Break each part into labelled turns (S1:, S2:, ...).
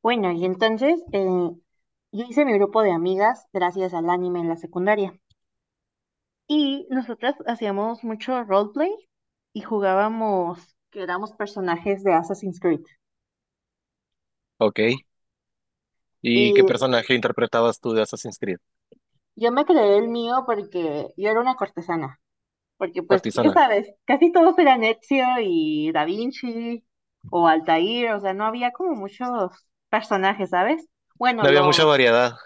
S1: Bueno, y entonces yo hice mi grupo de amigas gracias al anime en la secundaria. Y nosotras hacíamos mucho roleplay y jugábamos que éramos personajes de Assassin's Creed.
S2: Ok. ¿Y qué
S1: Y
S2: personaje interpretabas tú de Assassin's Creed?
S1: yo me creé el mío porque yo era una cortesana. Porque pues, ya
S2: Partizana.
S1: sabes, casi todos eran Ezio y Da Vinci o Altair. O sea, no había como muchos personajes, ¿sabes? Bueno,
S2: No había
S1: los...
S2: mucha variedad.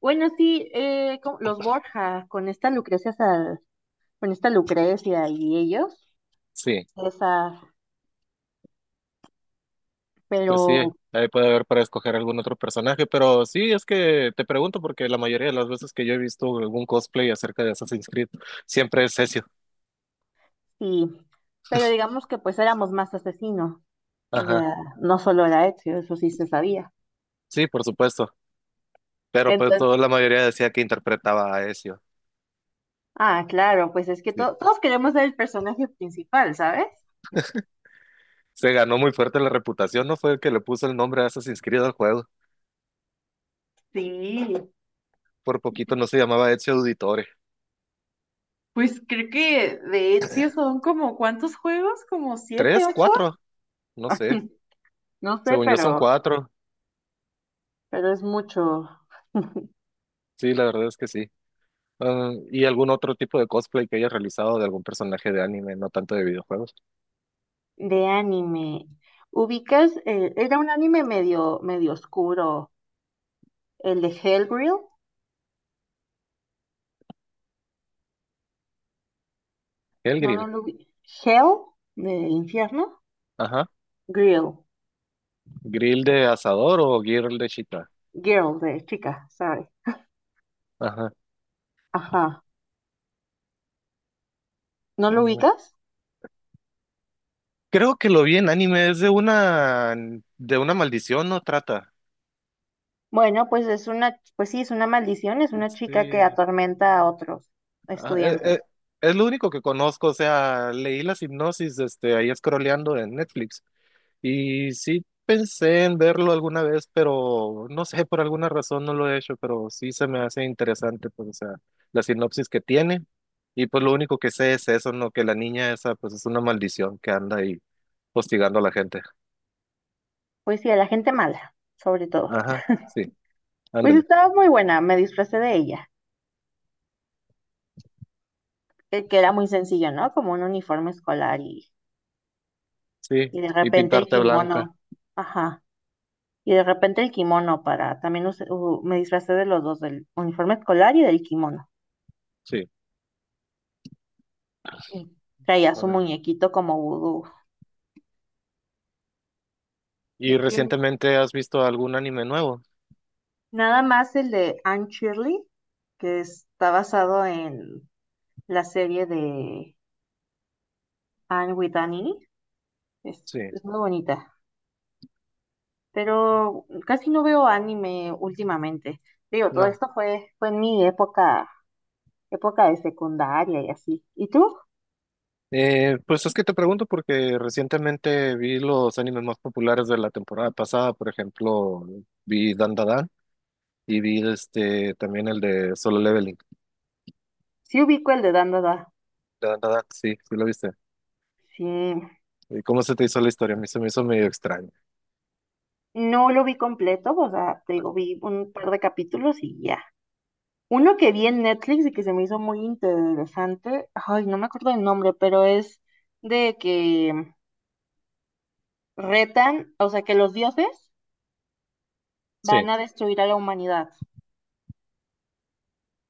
S1: Bueno, sí, los Borja con esta Lucrecia y ellos,
S2: Sí,
S1: esa,
S2: pues sí,
S1: pero
S2: ahí puede haber para escoger algún otro personaje, pero sí, es que te pregunto porque la mayoría de las veces que yo he visto algún cosplay acerca de Assassin's Creed, siempre es Ezio.
S1: sí, pero digamos que pues éramos más asesinos, o
S2: Ajá.
S1: sea, no solo era Ezio, eso sí se sabía.
S2: Sí, por supuesto. Pero pues
S1: Entonces,
S2: toda la mayoría decía que interpretaba a Ezio.
S1: ah, claro, pues es que
S2: Sí.
S1: todos queremos ser el personaje principal, ¿sabes?
S2: Se ganó muy fuerte la reputación, ¿no? Fue el que le puso el nombre a Assassin's Creed al juego.
S1: Sí,
S2: Por poquito no se llamaba Ezio Auditore.
S1: pues creo que de Ezio son como, ¿cuántos juegos? ¿Como siete,
S2: ¿Tres?
S1: ocho?
S2: ¿Cuatro? No sé.
S1: No sé,
S2: Según yo son cuatro.
S1: pero es mucho
S2: Sí, la verdad es que sí. Ah, ¿y algún otro tipo de cosplay que hayas realizado de algún personaje de anime, no tanto de videojuegos?
S1: de anime. ¿Ubicas? Era un anime medio, medio oscuro, el de Hellgrill.
S2: El
S1: No, no
S2: grill.
S1: lo vi. Hell, de infierno.
S2: Ajá.
S1: Girl,
S2: ¿Grill de asador o grill de chita?
S1: girl, de chica, sorry.
S2: Ajá.
S1: Ajá. ¿No lo
S2: Mm,
S1: ubicas?
S2: creo que lo vi en anime, es de una maldición, no trata.
S1: Bueno, pues es una, pues sí, es una maldición, es una chica que
S2: Sí.
S1: atormenta a otros
S2: Ah,
S1: estudiantes.
S2: es lo único que conozco, o sea, leí la sinopsis este, ahí scrolleando en Netflix. Y sí pensé en verlo alguna vez, pero no sé, por alguna razón no lo he hecho, pero sí se me hace interesante, pues, o sea, la sinopsis que tiene. Y pues lo único que sé es eso, ¿no? Que la niña esa, pues, es una maldición que anda ahí hostigando a la gente.
S1: Pues sí, a la gente mala, sobre todo.
S2: Ajá, sí,
S1: Pues
S2: ándale,
S1: estaba muy buena, me disfracé de ella, que era muy sencillo, ¿no? Como un uniforme escolar
S2: sí.
S1: y de
S2: Y
S1: repente el
S2: pintarte blanca,
S1: kimono. Ajá. Y de repente el kimono para, también me disfracé de los dos, del uniforme escolar y del kimono.
S2: sí.
S1: Y traía su
S2: Órale.
S1: muñequito como vudú.
S2: ¿Y
S1: ¿De quién?
S2: recientemente has visto algún anime nuevo?
S1: Nada más el de Anne Shirley, que está basado en la serie de Anne with Annie. Es,
S2: Sí,
S1: es muy bonita, pero casi no veo anime últimamente. Digo, todo
S2: no.
S1: esto fue, fue en mi época, época de secundaria y así. ¿Y tú?
S2: Pues es que te pregunto porque recientemente vi los animes más populares de la temporada pasada, por ejemplo, vi Dandadan y vi este también el de Solo Leveling.
S1: Sí ubico el de Dandada.
S2: Dandadan, sí, sí lo viste.
S1: Sí,
S2: ¿Y cómo se te hizo la historia? A mí se me hizo medio extraño.
S1: no lo vi completo, o sea, te digo, vi un par de capítulos y ya. Uno que vi en Netflix y que se me hizo muy interesante, ay, no me acuerdo el nombre, pero es de que retan, o sea, que los dioses van
S2: Sí.
S1: a destruir a la humanidad,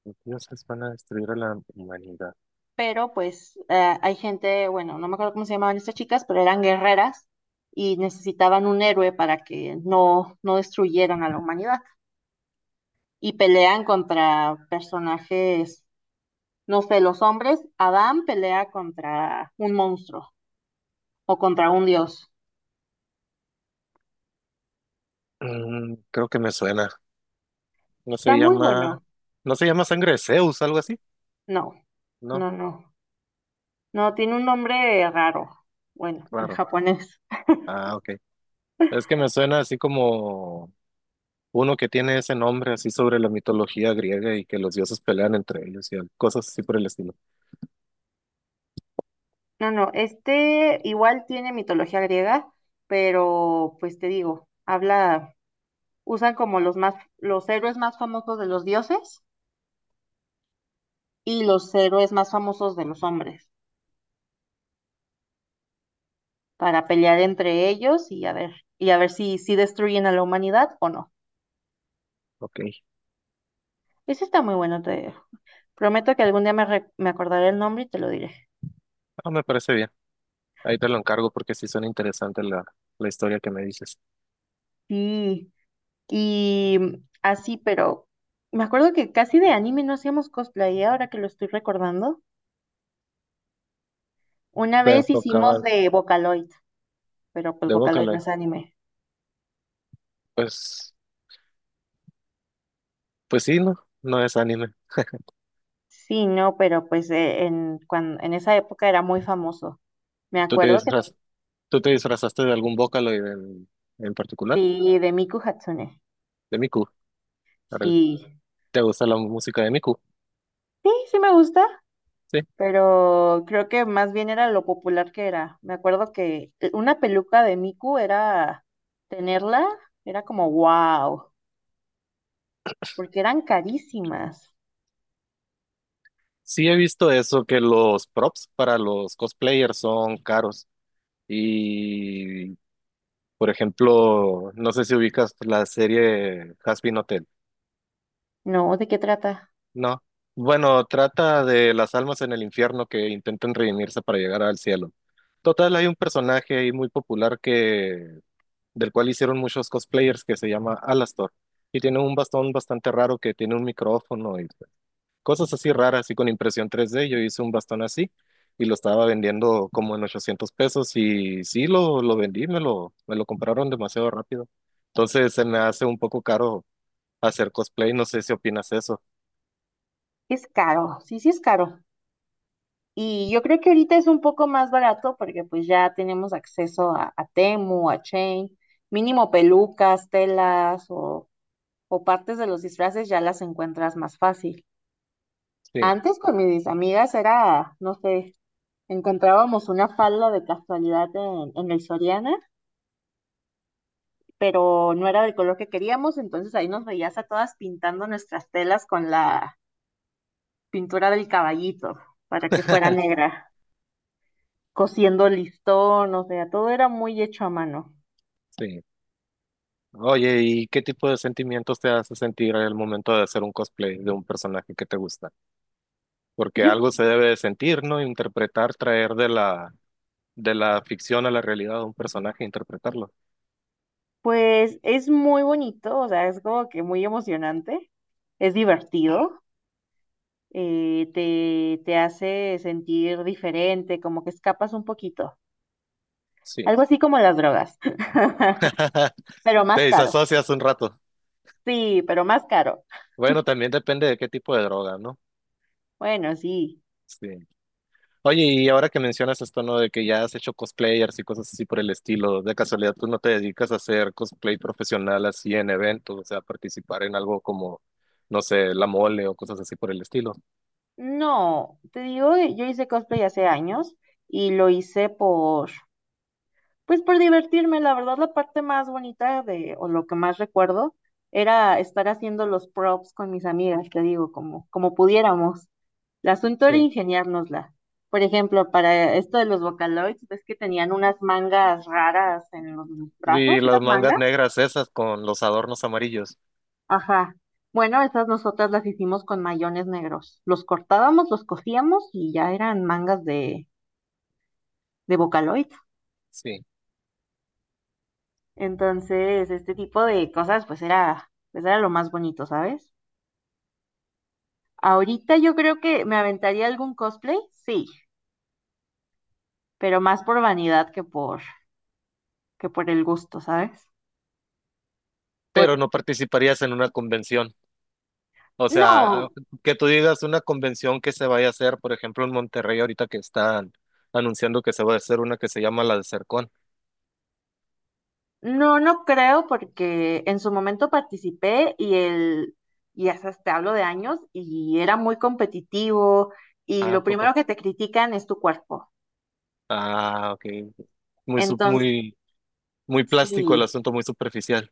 S2: Los dioses van a destruir a la humanidad.
S1: pero pues hay gente, bueno, no me acuerdo cómo se llamaban estas chicas, pero eran guerreras y necesitaban un héroe para que no destruyeran a la humanidad y pelean contra personajes, no sé, los hombres, Adán pelea contra un monstruo o contra un dios.
S2: Mm, creo que me suena. No se
S1: Está muy
S2: llama,
S1: bueno.
S2: no se llama Sangre de Zeus, algo así,
S1: No,
S2: ¿no?
S1: no, no. No, tiene un nombre raro. Bueno, en
S2: Claro.
S1: japonés.
S2: Ah, ok. Es que me suena así como uno que tiene ese nombre así sobre la mitología griega y que los dioses pelean entre ellos y al- cosas así por el estilo.
S1: No, no, este igual tiene mitología griega, pero pues te digo, habla, usan como los más, los héroes más famosos de los dioses y los héroes más famosos de los hombres para pelear entre ellos y a ver si, si destruyen a la humanidad o no.
S2: Ok,
S1: Ese está muy bueno, te prometo que algún día me acordaré el nombre y te lo diré.
S2: ah, me parece bien. Ahí te lo encargo porque sí suena interesante la, la historia que me dices.
S1: Sí. Y así, pero me acuerdo que casi de anime no hacíamos cosplay, ¿eh? Ahora que lo estoy recordando. Una
S2: Te
S1: vez hicimos
S2: enfocaban
S1: de Vocaloid, pero pues
S2: de
S1: Vocaloid no
S2: Bócale.
S1: es anime.
S2: Pues, pues sí, no, no es anime.
S1: Sí, no, pero pues en esa época era muy famoso. Me
S2: ¿Tú te
S1: acuerdo que
S2: disfraz- ¿Tú te disfrazaste de algún Bócalo en particular?
S1: sí, de Miku Hatsune.
S2: De Miku. Arel.
S1: Sí,
S2: ¿Te gusta la música de Miku?
S1: sí me gusta,
S2: Sí.
S1: pero creo que más bien era lo popular que era. Me acuerdo que una peluca de Miku era tenerla, era como wow, porque eran carísimas.
S2: Sí he visto eso, que los props para los cosplayers son caros. Y por ejemplo, no sé si ubicas la serie Hazbin Hotel.
S1: No, ¿de qué trata?
S2: No. Bueno, trata de las almas en el infierno que intentan redimirse para llegar al cielo. Total, hay un personaje ahí muy popular que del cual hicieron muchos cosplayers que se llama Alastor y tiene un bastón bastante raro que tiene un micrófono y cosas así raras, así con impresión 3D. Yo hice un bastón así y lo estaba vendiendo como en 800 pesos y sí, lo vendí, me lo compraron demasiado rápido. Entonces se me hace un poco caro hacer cosplay, no sé si opinas eso.
S1: Es caro, sí, sí es caro. Y yo creo que ahorita es un poco más barato porque pues ya tenemos acceso a Temu, a Chain, mínimo pelucas, telas o partes de los disfraces ya las encuentras más fácil.
S2: Sí,
S1: Antes con mis amigas era, no sé, encontrábamos una falda de casualidad en el Soriana, pero no era del color que queríamos, entonces ahí nos veías a todas pintando nuestras telas con la pintura del caballito para que fuera negra. Cosiendo listón, o sea, todo era muy hecho a mano.
S2: sí. Oye, ¿y qué tipo de sentimientos te hace sentir al momento de hacer un cosplay de un personaje que te gusta? Porque
S1: Yo,
S2: algo se debe de sentir, ¿no? Interpretar, traer de de la ficción a la realidad de un personaje, interpretarlo.
S1: pues es muy bonito, o sea, es como que muy emocionante, es divertido, te hace sentir diferente, como que escapas un poquito,
S2: Sí.
S1: algo así como las drogas, pero
S2: Te
S1: más caro,
S2: desasocias un rato.
S1: sí, pero más caro.
S2: Bueno, también depende de qué tipo de droga, ¿no?
S1: Bueno, sí,
S2: Sí. Oye, y ahora que mencionas esto, ¿no? De que ya has hecho cosplayers y cosas así por el estilo, de casualidad tú no te dedicas a hacer cosplay profesional así en eventos, o sea, participar en algo como, no sé, la mole o cosas así por el estilo.
S1: no, te digo, yo hice cosplay hace años y lo hice por, pues por divertirme, la verdad, la parte más bonita de, o lo que más recuerdo, era estar haciendo los props con mis amigas, te digo, como, como pudiéramos. El asunto era
S2: Sí.
S1: ingeniárnosla. Por ejemplo, para esto de los Vocaloids, ves que tenían unas mangas raras en los
S2: Y
S1: brazos,
S2: las
S1: unas
S2: mangas
S1: mangas.
S2: negras esas con los adornos amarillos.
S1: Ajá. Bueno, esas nosotras las hicimos con mayones negros. Los cortábamos, los cosíamos y ya eran mangas de Vocaloid.
S2: Sí.
S1: Entonces, este tipo de cosas, pues era lo más bonito, ¿sabes? Ahorita yo creo que me aventaría algún cosplay, sí, pero más por vanidad que por el gusto, ¿sabes? Por,
S2: Pero no participarías en una convención. O sea, a-
S1: no,
S2: que tú digas una convención que se vaya a hacer, por ejemplo, en Monterrey ahorita que están anunciando que se va a hacer una que se llama la de
S1: no, no creo, porque en su momento participé y el, y hasta te hablo de años, y era muy competitivo, y
S2: Ah,
S1: lo
S2: poco.
S1: primero que te critican es tu cuerpo.
S2: Ah, ok. Muy, sub-
S1: Entonces,
S2: muy, muy plástico el
S1: sí.
S2: asunto, muy superficial.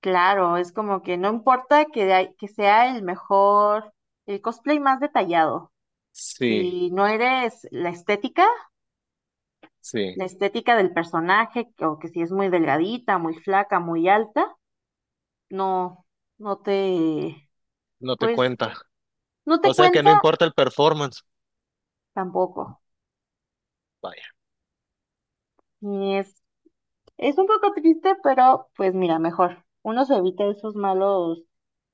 S1: Claro, es como que no importa que, que sea el mejor, el cosplay más detallado.
S2: Sí,
S1: Si no eres
S2: sí,
S1: la estética del personaje, que- o que si es muy delgadita, muy flaca, muy alta, no, no te,
S2: no te
S1: pues,
S2: cuenta.
S1: no te
S2: O sea que
S1: cuenta
S2: no importa el performance.
S1: tampoco.
S2: Vaya.
S1: Y es un poco triste, pero pues mira, mejor. Uno se evita esos malos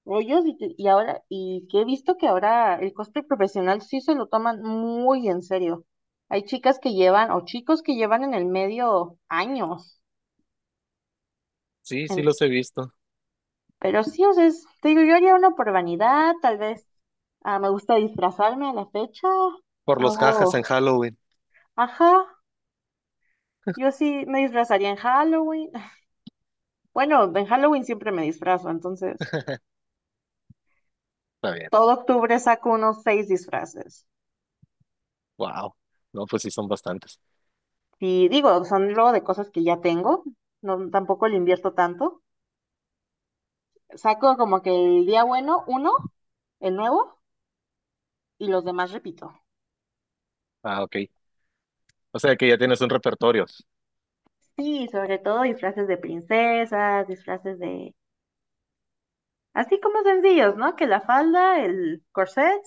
S1: rollos y ahora, y que he visto que ahora el cosplay profesional sí se lo toman muy en serio. Hay chicas que llevan, o chicos que llevan en el medio años.
S2: Sí, sí
S1: en-
S2: los he visto.
S1: pero sí, o sea, te digo, yo haría uno por vanidad, tal vez ah, me gusta disfrazarme a la fecha.
S2: Por los jajas en
S1: Hago,
S2: Halloween.
S1: ajá, yo sí me disfrazaría en Halloween. Bueno, en Halloween siempre me disfrazo, entonces
S2: Está bien.
S1: todo octubre saco unos 6 disfraces.
S2: Wow. No, pues sí son bastantes.
S1: Sí, digo, son luego de cosas que ya tengo, no, tampoco le invierto tanto. Saco como que el día bueno, uno, el nuevo, y los demás repito.
S2: Ah, ok. O sea que ya tienes un repertorio.
S1: Sí, sobre todo disfraces de princesas, disfraces de... Así como sencillos, ¿no? Que la falda, el corset,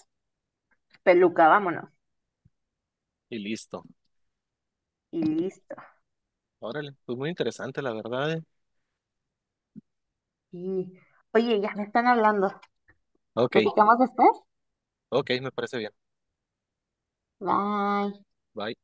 S1: peluca, vámonos.
S2: Y listo.
S1: Y listo.
S2: Órale. Pues muy interesante, la verdad. ¿Eh?
S1: Sí. Oye, ya me están hablando.
S2: Ok,
S1: ¿Platicamos después?
S2: ok, me parece bien.
S1: Bye.
S2: Bye.